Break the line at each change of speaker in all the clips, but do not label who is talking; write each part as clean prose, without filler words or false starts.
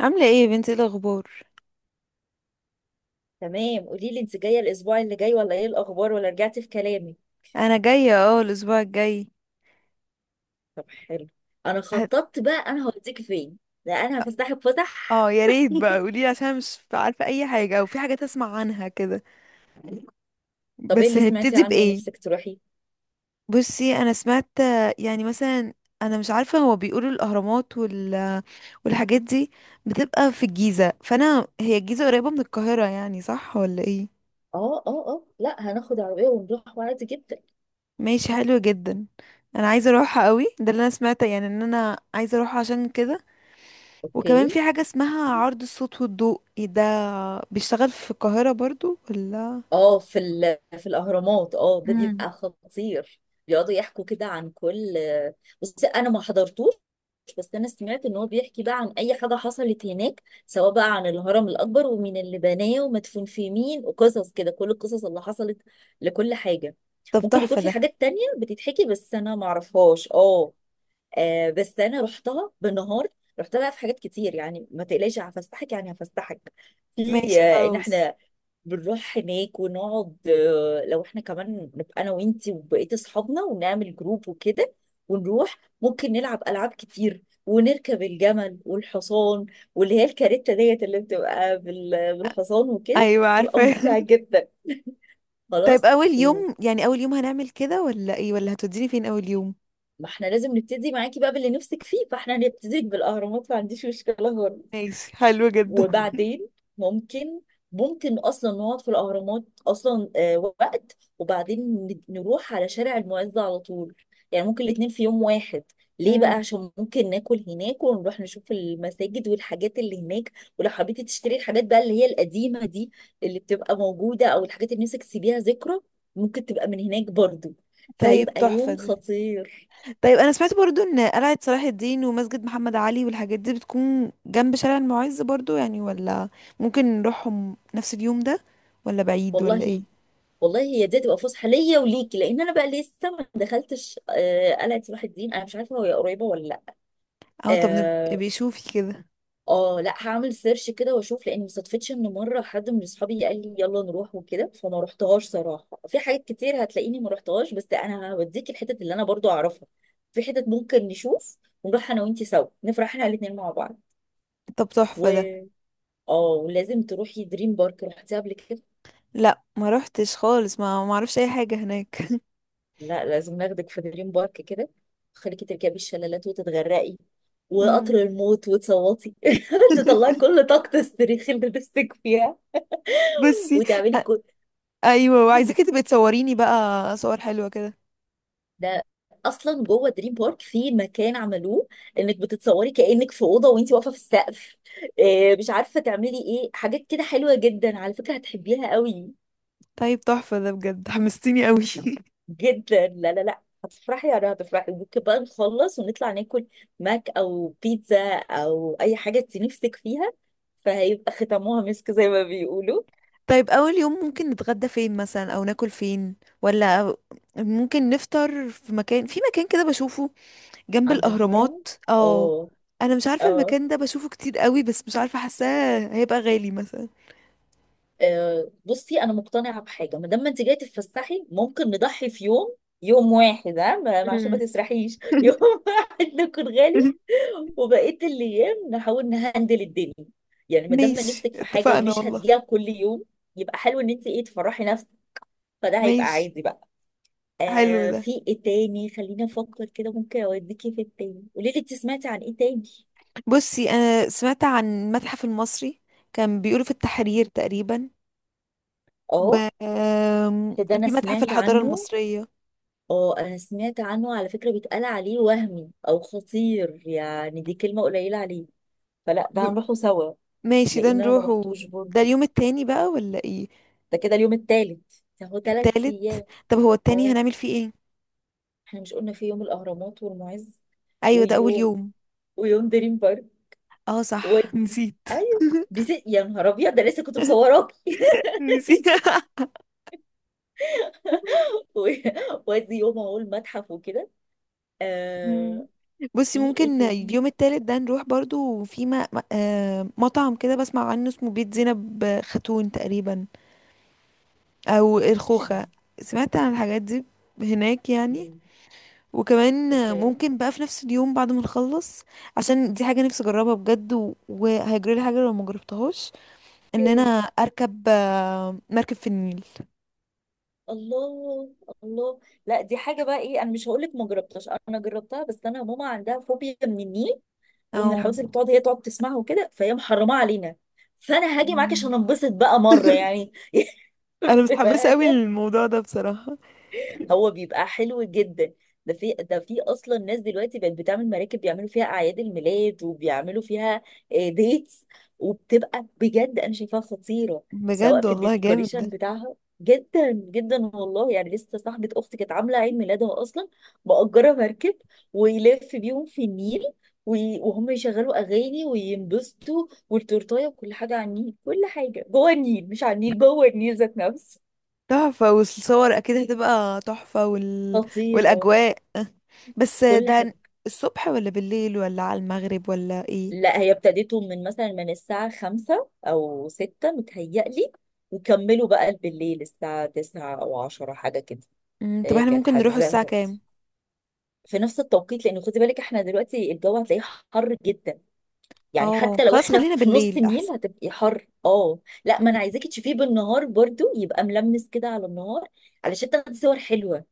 عاملة ايه يا بنتي، ايه الأخبار؟
تمام، قولي لي انت جايه الاسبوع اللي جاي ولا ايه الاخبار ولا رجعتي في كلامي؟
أنا جاية الأسبوع الجاي.
طب حلو. انا
هت-
خططت بقى، انا هوديك فين. لا، انا هفسحك فسح.
اه، يا ريت بقى قوليلي عشان مش عارفة أي حاجة، أو في حاجات أسمع عنها كده.
طب ايه
بس
اللي سمعتي
هنبتدي
عنه
بإيه؟
نفسك تروحي؟
بصي، أنا سمعت، يعني مثلا، أنا مش عارفة، هو بيقولوا الأهرامات والحاجات دي بتبقى في الجيزة، فأنا، هي الجيزة قريبة من القاهرة يعني، صح ولا ايه؟
اه اه اه، لا هناخد عربيه ونروح عادي جدا.
ماشي، حلو جدا. أنا عايزة أروحها قوي، ده اللي أنا سمعته، يعني إن أنا عايزة أروحها عشان كده.
اوكي.
وكمان في حاجة اسمها عرض الصوت والضوء، إيه ده؟ بيشتغل في القاهرة برضو ولا؟
اه، في في الاهرامات، اه ده
امم.
بيبقى خطير. بيقعدوا يحكوا كده عن كل، بس انا ما حضرتوش. بس انا سمعت ان هو بيحكي بقى عن اي حاجه حصلت هناك، سواء بقى عن الهرم الاكبر ومين اللي بناه ومدفون في مين، وقصص كده، كل القصص اللي حصلت لكل حاجه.
طب
ممكن يكون
تحفة
في
ده.
حاجات تانية بتتحكي بس انا ما اعرفهاش، اه. بس انا رحتها بالنهار. رحت بقى في حاجات كتير، يعني ما تقلقيش هفسحك يعني هفسحك في.
ماشي
ان
خلاص.
احنا بنروح هناك ونقعد، لو احنا كمان نبقى انا وانتي وبقية اصحابنا ونعمل جروب وكده. ونروح ممكن نلعب العاب كتير ونركب الجمل والحصان، واللي هي الكاريتا ديت اللي بتبقى بالحصان وكده،
ايوه عارفة
بتبقى ممتعة جدا.
طيب
خلاص.
اول
وما
يوم، يعني اول يوم هنعمل كده ولا ايه، ولا هتوديني فين اول يوم؟
احنا لازم نبتدي معاكي بقى باللي نفسك فيه، فاحنا هنبتدي بالاهرامات، ما عنديش مشكلة خالص.
ماشي، حلو جدا.
وبعدين ممكن ممكن اصلا نقعد في الاهرامات اصلا، وقت. وبعدين نروح على شارع المعز على طول. يعني ممكن الاتنين في يوم واحد. ليه بقى؟
امم.
عشان ممكن ناكل هناك ونروح نشوف المساجد والحاجات اللي هناك. ولو حبيتي تشتري الحاجات بقى اللي هي القديمة دي، اللي بتبقى موجودة، او الحاجات اللي نفسك تسيبيها ذكرى، ممكن تبقى من هناك برضو.
طيب
فهيبقى
تحفة
يوم
دي.
خطير.
طيب انا سمعت برضو ان قلعة صلاح الدين ومسجد محمد علي والحاجات دي بتكون جنب شارع المعز برضو يعني، ولا ممكن نروحهم نفس اليوم ده، ولا بعيد ولا ايه؟
والله والله، هي دي هتبقى فسحه ليا وليكي، لان انا بقى لسه ما دخلتش. قلعه صلاح الدين انا مش عارفه هي قريبه ولا لا.
اه طب نبقى
اه.
بيشوفي كده.
لا هعمل سيرش كده واشوف، لان ما صدفتش ان مره حد من اصحابي قال لي يلا نروح وكده، فما رحتهاش صراحه. في حاجات كتير هتلاقيني ما رحتهاش، بس انا هوديك الحتت اللي انا برضو اعرفها. في حتت ممكن نشوف، ونروح انا وانتي سوا، نفرح احنا الاثنين مع بعض.
طب تحفة ده.
و اه ولازم تروحي دريم بارك، رحتيها قبل كده؟
لا، ما روحتش خالص، ما اعرفش اي حاجة هناك.
لا لازم ناخدك في دريم بارك كده. خليكي تركبي الشلالات وتتغرقي، وقطر
مم.
الموت وتصوتي. تطلعي كل طاقة الصريخ اللي نفسك فيها،
بصي،
وتعملي
أ-
كل.
ايوه، وعايزاكي تبقي تصوريني بقى صور حلوة كده.
ده اصلا جوه دريم بارك في مكان عملوه، انك بتتصوري كانك في اوضه وانت واقفه في السقف. إيه مش عارفه تعملي ايه، حاجات كده حلوه جدا على فكره، هتحبيها قوي
طيب تحفة ده، بجد حمستيني قوي.
جدا. لا لا لا، هتفرحي يعني هتفرحي. ممكن بقى نخلص ونطلع ناكل ماك او بيتزا او اي حاجه انت نفسك فيها. فهيبقى ختموها مسك زي ما بيقولوا.
طيب اول يوم ممكن نتغدى فين مثلا، او ناكل فين، ولا ممكن نفطر في مكان كده بشوفه جنب
عند الهرم،
الاهرامات اه.
اه.
انا مش عارفة
اه،
المكان ده، بشوفه كتير قوي، بس مش عارفة، حاساه هيبقى غالي مثلا.
بصي انا مقتنعه بحاجه، ما دام ما انت جايه تتفسحي، ممكن نضحي في يوم، يوم واحد ها عشان ما
مم.
تسرحيش. يوم واحد نكون غالي، وبقيه الايام نحاول نهندل الدنيا. يعني ما دام ما
ماشي
نفسك في حاجه
اتفقنا
ومش
والله.
هتجيها كل يوم، يبقى حلو ان انت ايه تفرحي نفسك. فده هيبقى
ماشي،
عادي بقى.
حلو
آه،
ده.
في ايه تاني خليني افكر كده ممكن اوديكي في التاني. قولي لي انت سمعتي عن ايه تاني؟
بصي انا سمعت عن المتحف المصري، كان بيقولوا في التحرير تقريبا، و
اه،
آم،
ده انا
في متحف
سمعت
الحضارة
عنه.
المصرية.
اه انا سمعت عنه على فكرة، بيتقال عليه وهمي او خطير، يعني دي كلمة قليلة عليه. فلا ده
ب...
هنروحه سوا.
ماشي، ده
لان انا ما
نروح
رحتوش
ده
برضه.
اليوم التاني بقى ولا ايه؟
ده كده اليوم التالت، ده هو تلات
التالت.
ايام
طب هو التاني
اه،
هنعمل فيه ايه؟
احنا مش قلنا في يوم الاهرامات والمعز،
ايوه ده اول
ويوم
يوم.
ويوم دريم بارك.
اه صح،
ودي
نسيت.
ايوه، يا نهار ابيض ده لسه كنت مصوراكي.
نسيت
و- وادي يوم اهو المتحف وكده،
مم.
آه.
بصي،
في ايه
ممكن
تاني ما
اليوم التالت ده نروح برضو في مطعم كده بسمع عنه، اسمه بيت زينب خاتون تقريبا، او
سمعتش
الخوخة.
عنه.
سمعت عن الحاجات دي هناك يعني.
مم.
وكمان
اوكي.
ممكن بقى في نفس اليوم بعد ما نخلص، عشان دي حاجة نفسي اجربها بجد، وهيجري لي حاجة لو ما جربتهاش. ان انا اركب مركب في النيل.
الله الله. لا دي حاجه بقى ايه، انا مش هقول لك ما جربتهاش، انا جربتها، بس انا ماما عندها فوبيا من النيل، ومن الحوادث اللي
او.
بتقعد هي تقعد تسمعها وكده، فهي محرمه علينا. فانا هاجي معاك عشان
مم.
انبسط بقى مره يعني.
انا
بما
متحمسة قوي
أنا.
للموضوع ده بصراحة.
هو بيبقى حلو جدا. ده في اصلا ناس دلوقتي بقت بتعمل مراكب، بيعملوا فيها اعياد الميلاد، وبيعملوا فيها ديتس. وبتبقى بجد انا شايفاها خطيره، سواء
بجد
في
والله، جامد
الديكوريشن
ده.
بتاعها. جدا جدا والله، يعني لسه صاحبة اختي كانت عاملة عيد ميلادها اصلا مأجرة مركب، ويلف بيهم في النيل، وهم يشغلوا اغاني وينبسطوا والتورتايه، وكل حاجه على النيل، كل حاجه جوه النيل، مش على النيل، جوه النيل ذات نفسه.
تحفة، والصور اكيد هتبقى تحفة،
خطيره
والاجواء. بس
كل
ده
حاجه.
الصبح ولا بالليل ولا على المغرب ولا ايه؟
لا، هي ابتديته من مثلا من الساعة 5 أو 6 متهيألي، وكملوا بقى بالليل الساعة 9 أو 10 حاجة كده.
مم. طب
هي
احنا
كانت
ممكن نروح
حاجزة
الساعة
بقى
كام؟
في نفس التوقيت. لأن خدي بالك احنا دلوقتي الجو هتلاقيه حر جدا، يعني
اه،
حتى لو
خلاص،
احنا
خلينا
في نص
بالليل
النيل
احسن.
هتبقي حر، اه. لا، ما
مم.
انا عايزاكي تشوفيه بالنهار برضو، يبقى ملمس كده على النهار، علشان تاخدي صور حلوة.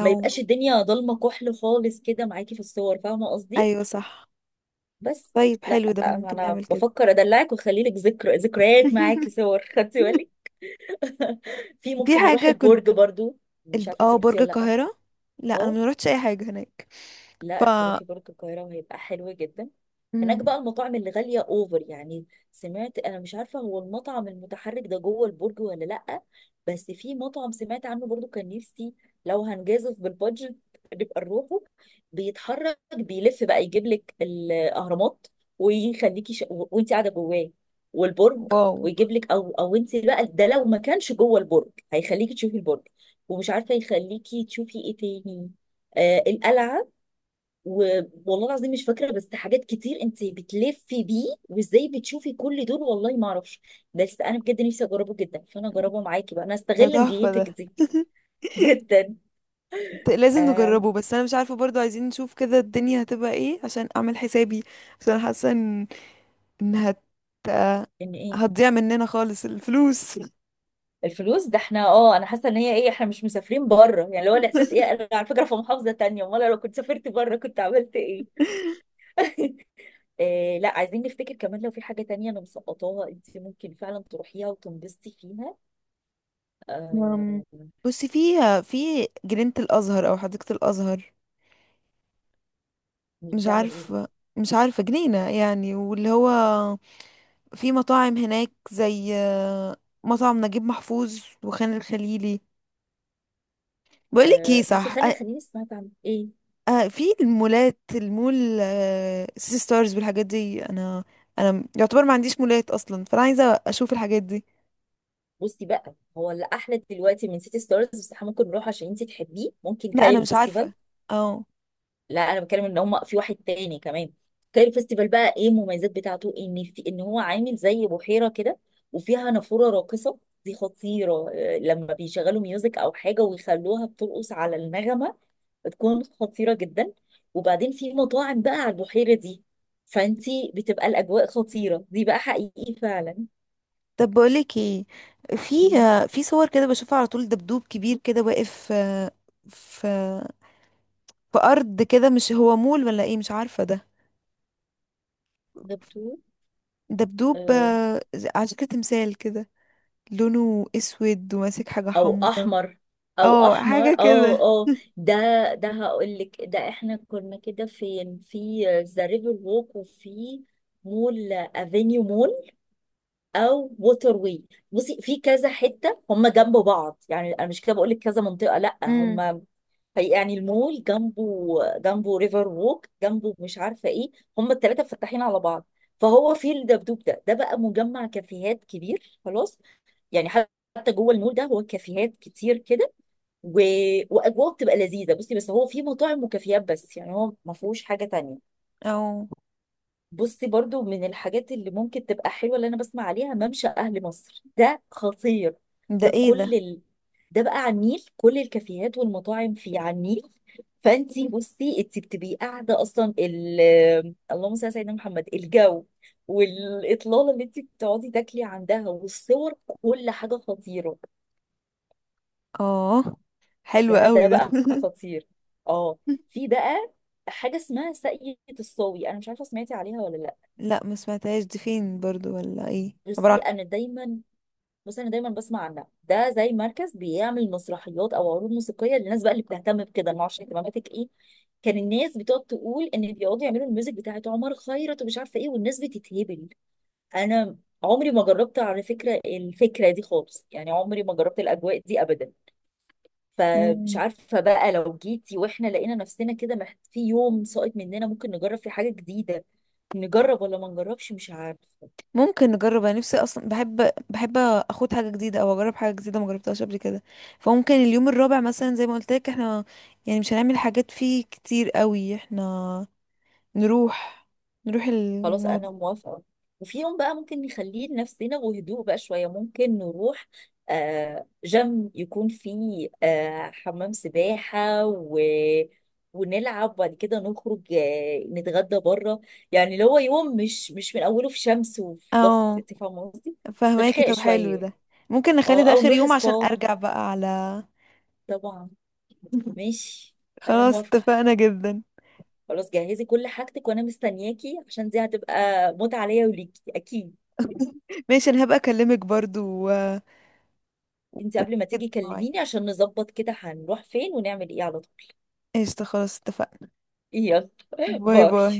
ما يبقاش الدنيا ضلمة كحل خالص كده معاكي في الصور، فاهمة قصدي؟
ايوه صح.
بس
طيب
لا،
حلو ده،
ما
ممكن
انا
نعمل كده.
بفكر ادلعك واخلي لك ذكريات معاكي، صور، خدتي بالك؟ في
في
ممكن نروح
حاجة كنت
البرج برضو، مش عارفه انت رحتي
برج
ولا لا.
القاهرة. لا انا
اه،
ما روحتش اي حاجة هناك. ف.
لا تروحي برج القاهرة وهيبقى حلو جدا. هناك
مم.
بقى المطاعم اللي غالية اوفر يعني. سمعت انا، مش عارفة هو المطعم المتحرك ده جوه البرج ولا لأ، بس في مطعم سمعت عنه برضو كان نفسي لو هنجازف بالبادجت نبقى نروحه. بيتحرك بيلف بقى يجيب لك الأهرامات، ويخليكي وانت قاعدة جواه، والبرج.
واو.
ويجيب لك، او انت بقى ده لو ما كانش جوه البرج هيخليكي تشوفي البرج، ومش عارفة يخليكي تشوفي ايه تاني. آه القلعة. والله العظيم مش فاكره، بس حاجات كتير انت بتلفي بيه، وازاي بتشوفي كل دول والله ما اعرفش. بس انا بجد نفسي اجربه جدا، فانا اجربه معاكي بقى انا،
ده
استغل
تحفة ده
نجيتك دي. جدا.
لازم
آه.
نجربه، بس انا مش عارفة برضو، عايزين نشوف كده الدنيا هتبقى ايه عشان اعمل حسابي، عشان حاسة ان إن هت
ان ايه؟
هتضيع مننا خالص الفلوس.
الفلوس ده احنا اه، انا حاسه ان هي ايه، احنا مش مسافرين بره يعني، اللي هو الاحساس ايه، انا على فكره في محافظه تانية، امال لو كنت سافرت بره كنت عملت ايه. آه لا، عايزين نفتكر كمان لو في حاجه تانية انا مسقطاها انت ممكن فعلا تروحيها وتنبسطي فيها. آه.
أم، بصي فيها، في جنينة الأزهر أو حديقة الأزهر. مش
بتعمل ايه دي؟
عارفة مش عارفة جنينة يعني، واللي هو في مطاعم هناك زي مطعم نجيب محفوظ وخان الخليلي. بقولك ايه،
آه، بصي
صح.
خلي الخليجي سمعت عن ايه.
في المول، سيتي ستارز والحاجات دي. انا، يعتبر ما عنديش مولات اصلا، فانا عايزة اشوف الحاجات دي.
بصي بقى هو اللي احلى دلوقتي من سيتي ستارز، بس احنا ممكن نروح عشان انت تحبيه، ممكن
لا انا
كايرو
مش
فيستيفال.
عارفة. اه
لا انا بتكلم ان هم في واحد تاني كمان. كايرو فيستيفال بقى ايه المميزات بتاعته، ان في ان هو عامل زي بحيره كده، وفيها نافوره راقصه. دي خطيره، لما بيشغلوا ميوزك او حاجه ويخلوها بترقص على النغمه، بتكون خطيره جدا. وبعدين في مطاعم بقى على البحيره دي، فانتي بتبقى الاجواء خطيره دي بقى حقيقي فعلا.
طب بقولك ايه. في
إيه؟
في صور كده بشوفها على طول، دبدوب كبير كده واقف في في ارض كده، مش هو مول ولا ايه، مش عارفه ده.
ده بتور،
دبدوب
آه،
على شكل تمثال كده، لونه اسود وماسك حاجه
او
حمراء.
احمر. او
اه،
احمر،
حاجه
اه
كده
اه. ده ده هقول لك، ده احنا كنا كده فين في ذا ريفر ووك، وفي مول افينيو مول، او ووتر واي. بصي في كذا حته هم جنب بعض يعني، انا مش كده بقول لك كذا منطقه، لا
امم.
هم يعني المول جنبه، جنبه ريفر ووك، جنبه مش عارفه ايه. هم الثلاثه مفتحين على بعض. فهو في الدبدوب ده، ده بقى مجمع كافيهات كبير خلاص. يعني حتى جوه المول ده هو كافيهات كتير كده. و... واجواء بتبقى لذيذه. بصي بس هو في مطاعم وكافيهات بس، يعني هو ما فيهوش حاجه تانية.
او،
بصي برضو من الحاجات اللي ممكن تبقى حلوه اللي انا بسمع عليها، ممشى اهل مصر، ده خطير.
ده
ده
ايه
كل
ده.
ال... ده بقى على النيل، كل الكافيهات والمطاعم فيه على النيل. فانتي بصي انتي بتبقي قاعده اصلا اللهم صل على سيدنا محمد، الجو والاطلاله اللي انتي بتقعدي تاكلي عندها والصور، كل حاجه خطيره.
اه، حلو
ده
قوي ده
بقى خطير. اه. في بقى حاجه اسمها ساقية الصاوي، انا مش عارفه سمعتي عليها ولا لا.
لا ما سمعتهاش، دي فين برضو ولا ايه،
بصي انا دايما بصي انا دايما بسمع عنها، ده زي مركز بيعمل مسرحيات او عروض موسيقيه، للناس بقى اللي بتهتم بكده، ما اعرفش اهتماماتك ايه. كان الناس بتقعد تقول ان بيقعدوا يعملوا الميوزك بتاعت عمر خيرت ومش عارفه ايه، والناس بتتهبل. انا عمري ما جربت على فكره الفكره دي خالص، يعني عمري ما جربت الاجواء دي ابدا. فمش
مم.
عارفة بقى لو جيتي واحنا لقينا نفسنا كده في يوم ساقط مننا ممكن نجرب فيه حاجة جديدة، نجرب ولا ما نجربش مش عارفة.
ممكن نجرب، انا نفسي اصلا بحب اخد حاجه جديده او اجرب حاجه جديده ما جربتهاش قبل كده. فممكن اليوم الرابع مثلا، زي ما قلت لك احنا، يعني مش هنعمل حاجات فيه كتير قوي. احنا نروح نروح
خلاص
الموضوع.
انا موافقة. وفي يوم بقى ممكن نخليه لنفسنا وهدوء بقى شوية. ممكن نروح جيم يكون فيه حمام سباحة، ونلعب وبعد كده نخرج، نتغدى بره. يعني اللي هو يوم مش من اوله في شمس وفي ضغط،
اه،
انت فاهمه قصدي.
فهماكي.
استرخاء
طب حلو
شويه.
ده، ممكن نخلي
اه،
ده
او
اخر
نروح
يوم عشان
سبا.
ارجع بقى على.
طبعا. ماشي. انا
خلاص
موافقه.
اتفقنا جدا.
خلاص جهزي كل حاجتك وانا مستنياكي، عشان دي هتبقى متعه ليا وليكي اكيد.
ماشي، انا هبقى اكلمك برضو و...
انت
ونأكد
قبل ما تيجي
المواعيد.
كلميني عشان نظبط كده هنروح فين ونعمل ايه على طول.
قشطة، خلاص اتفقنا.
يلا.
باي
باي.
باي.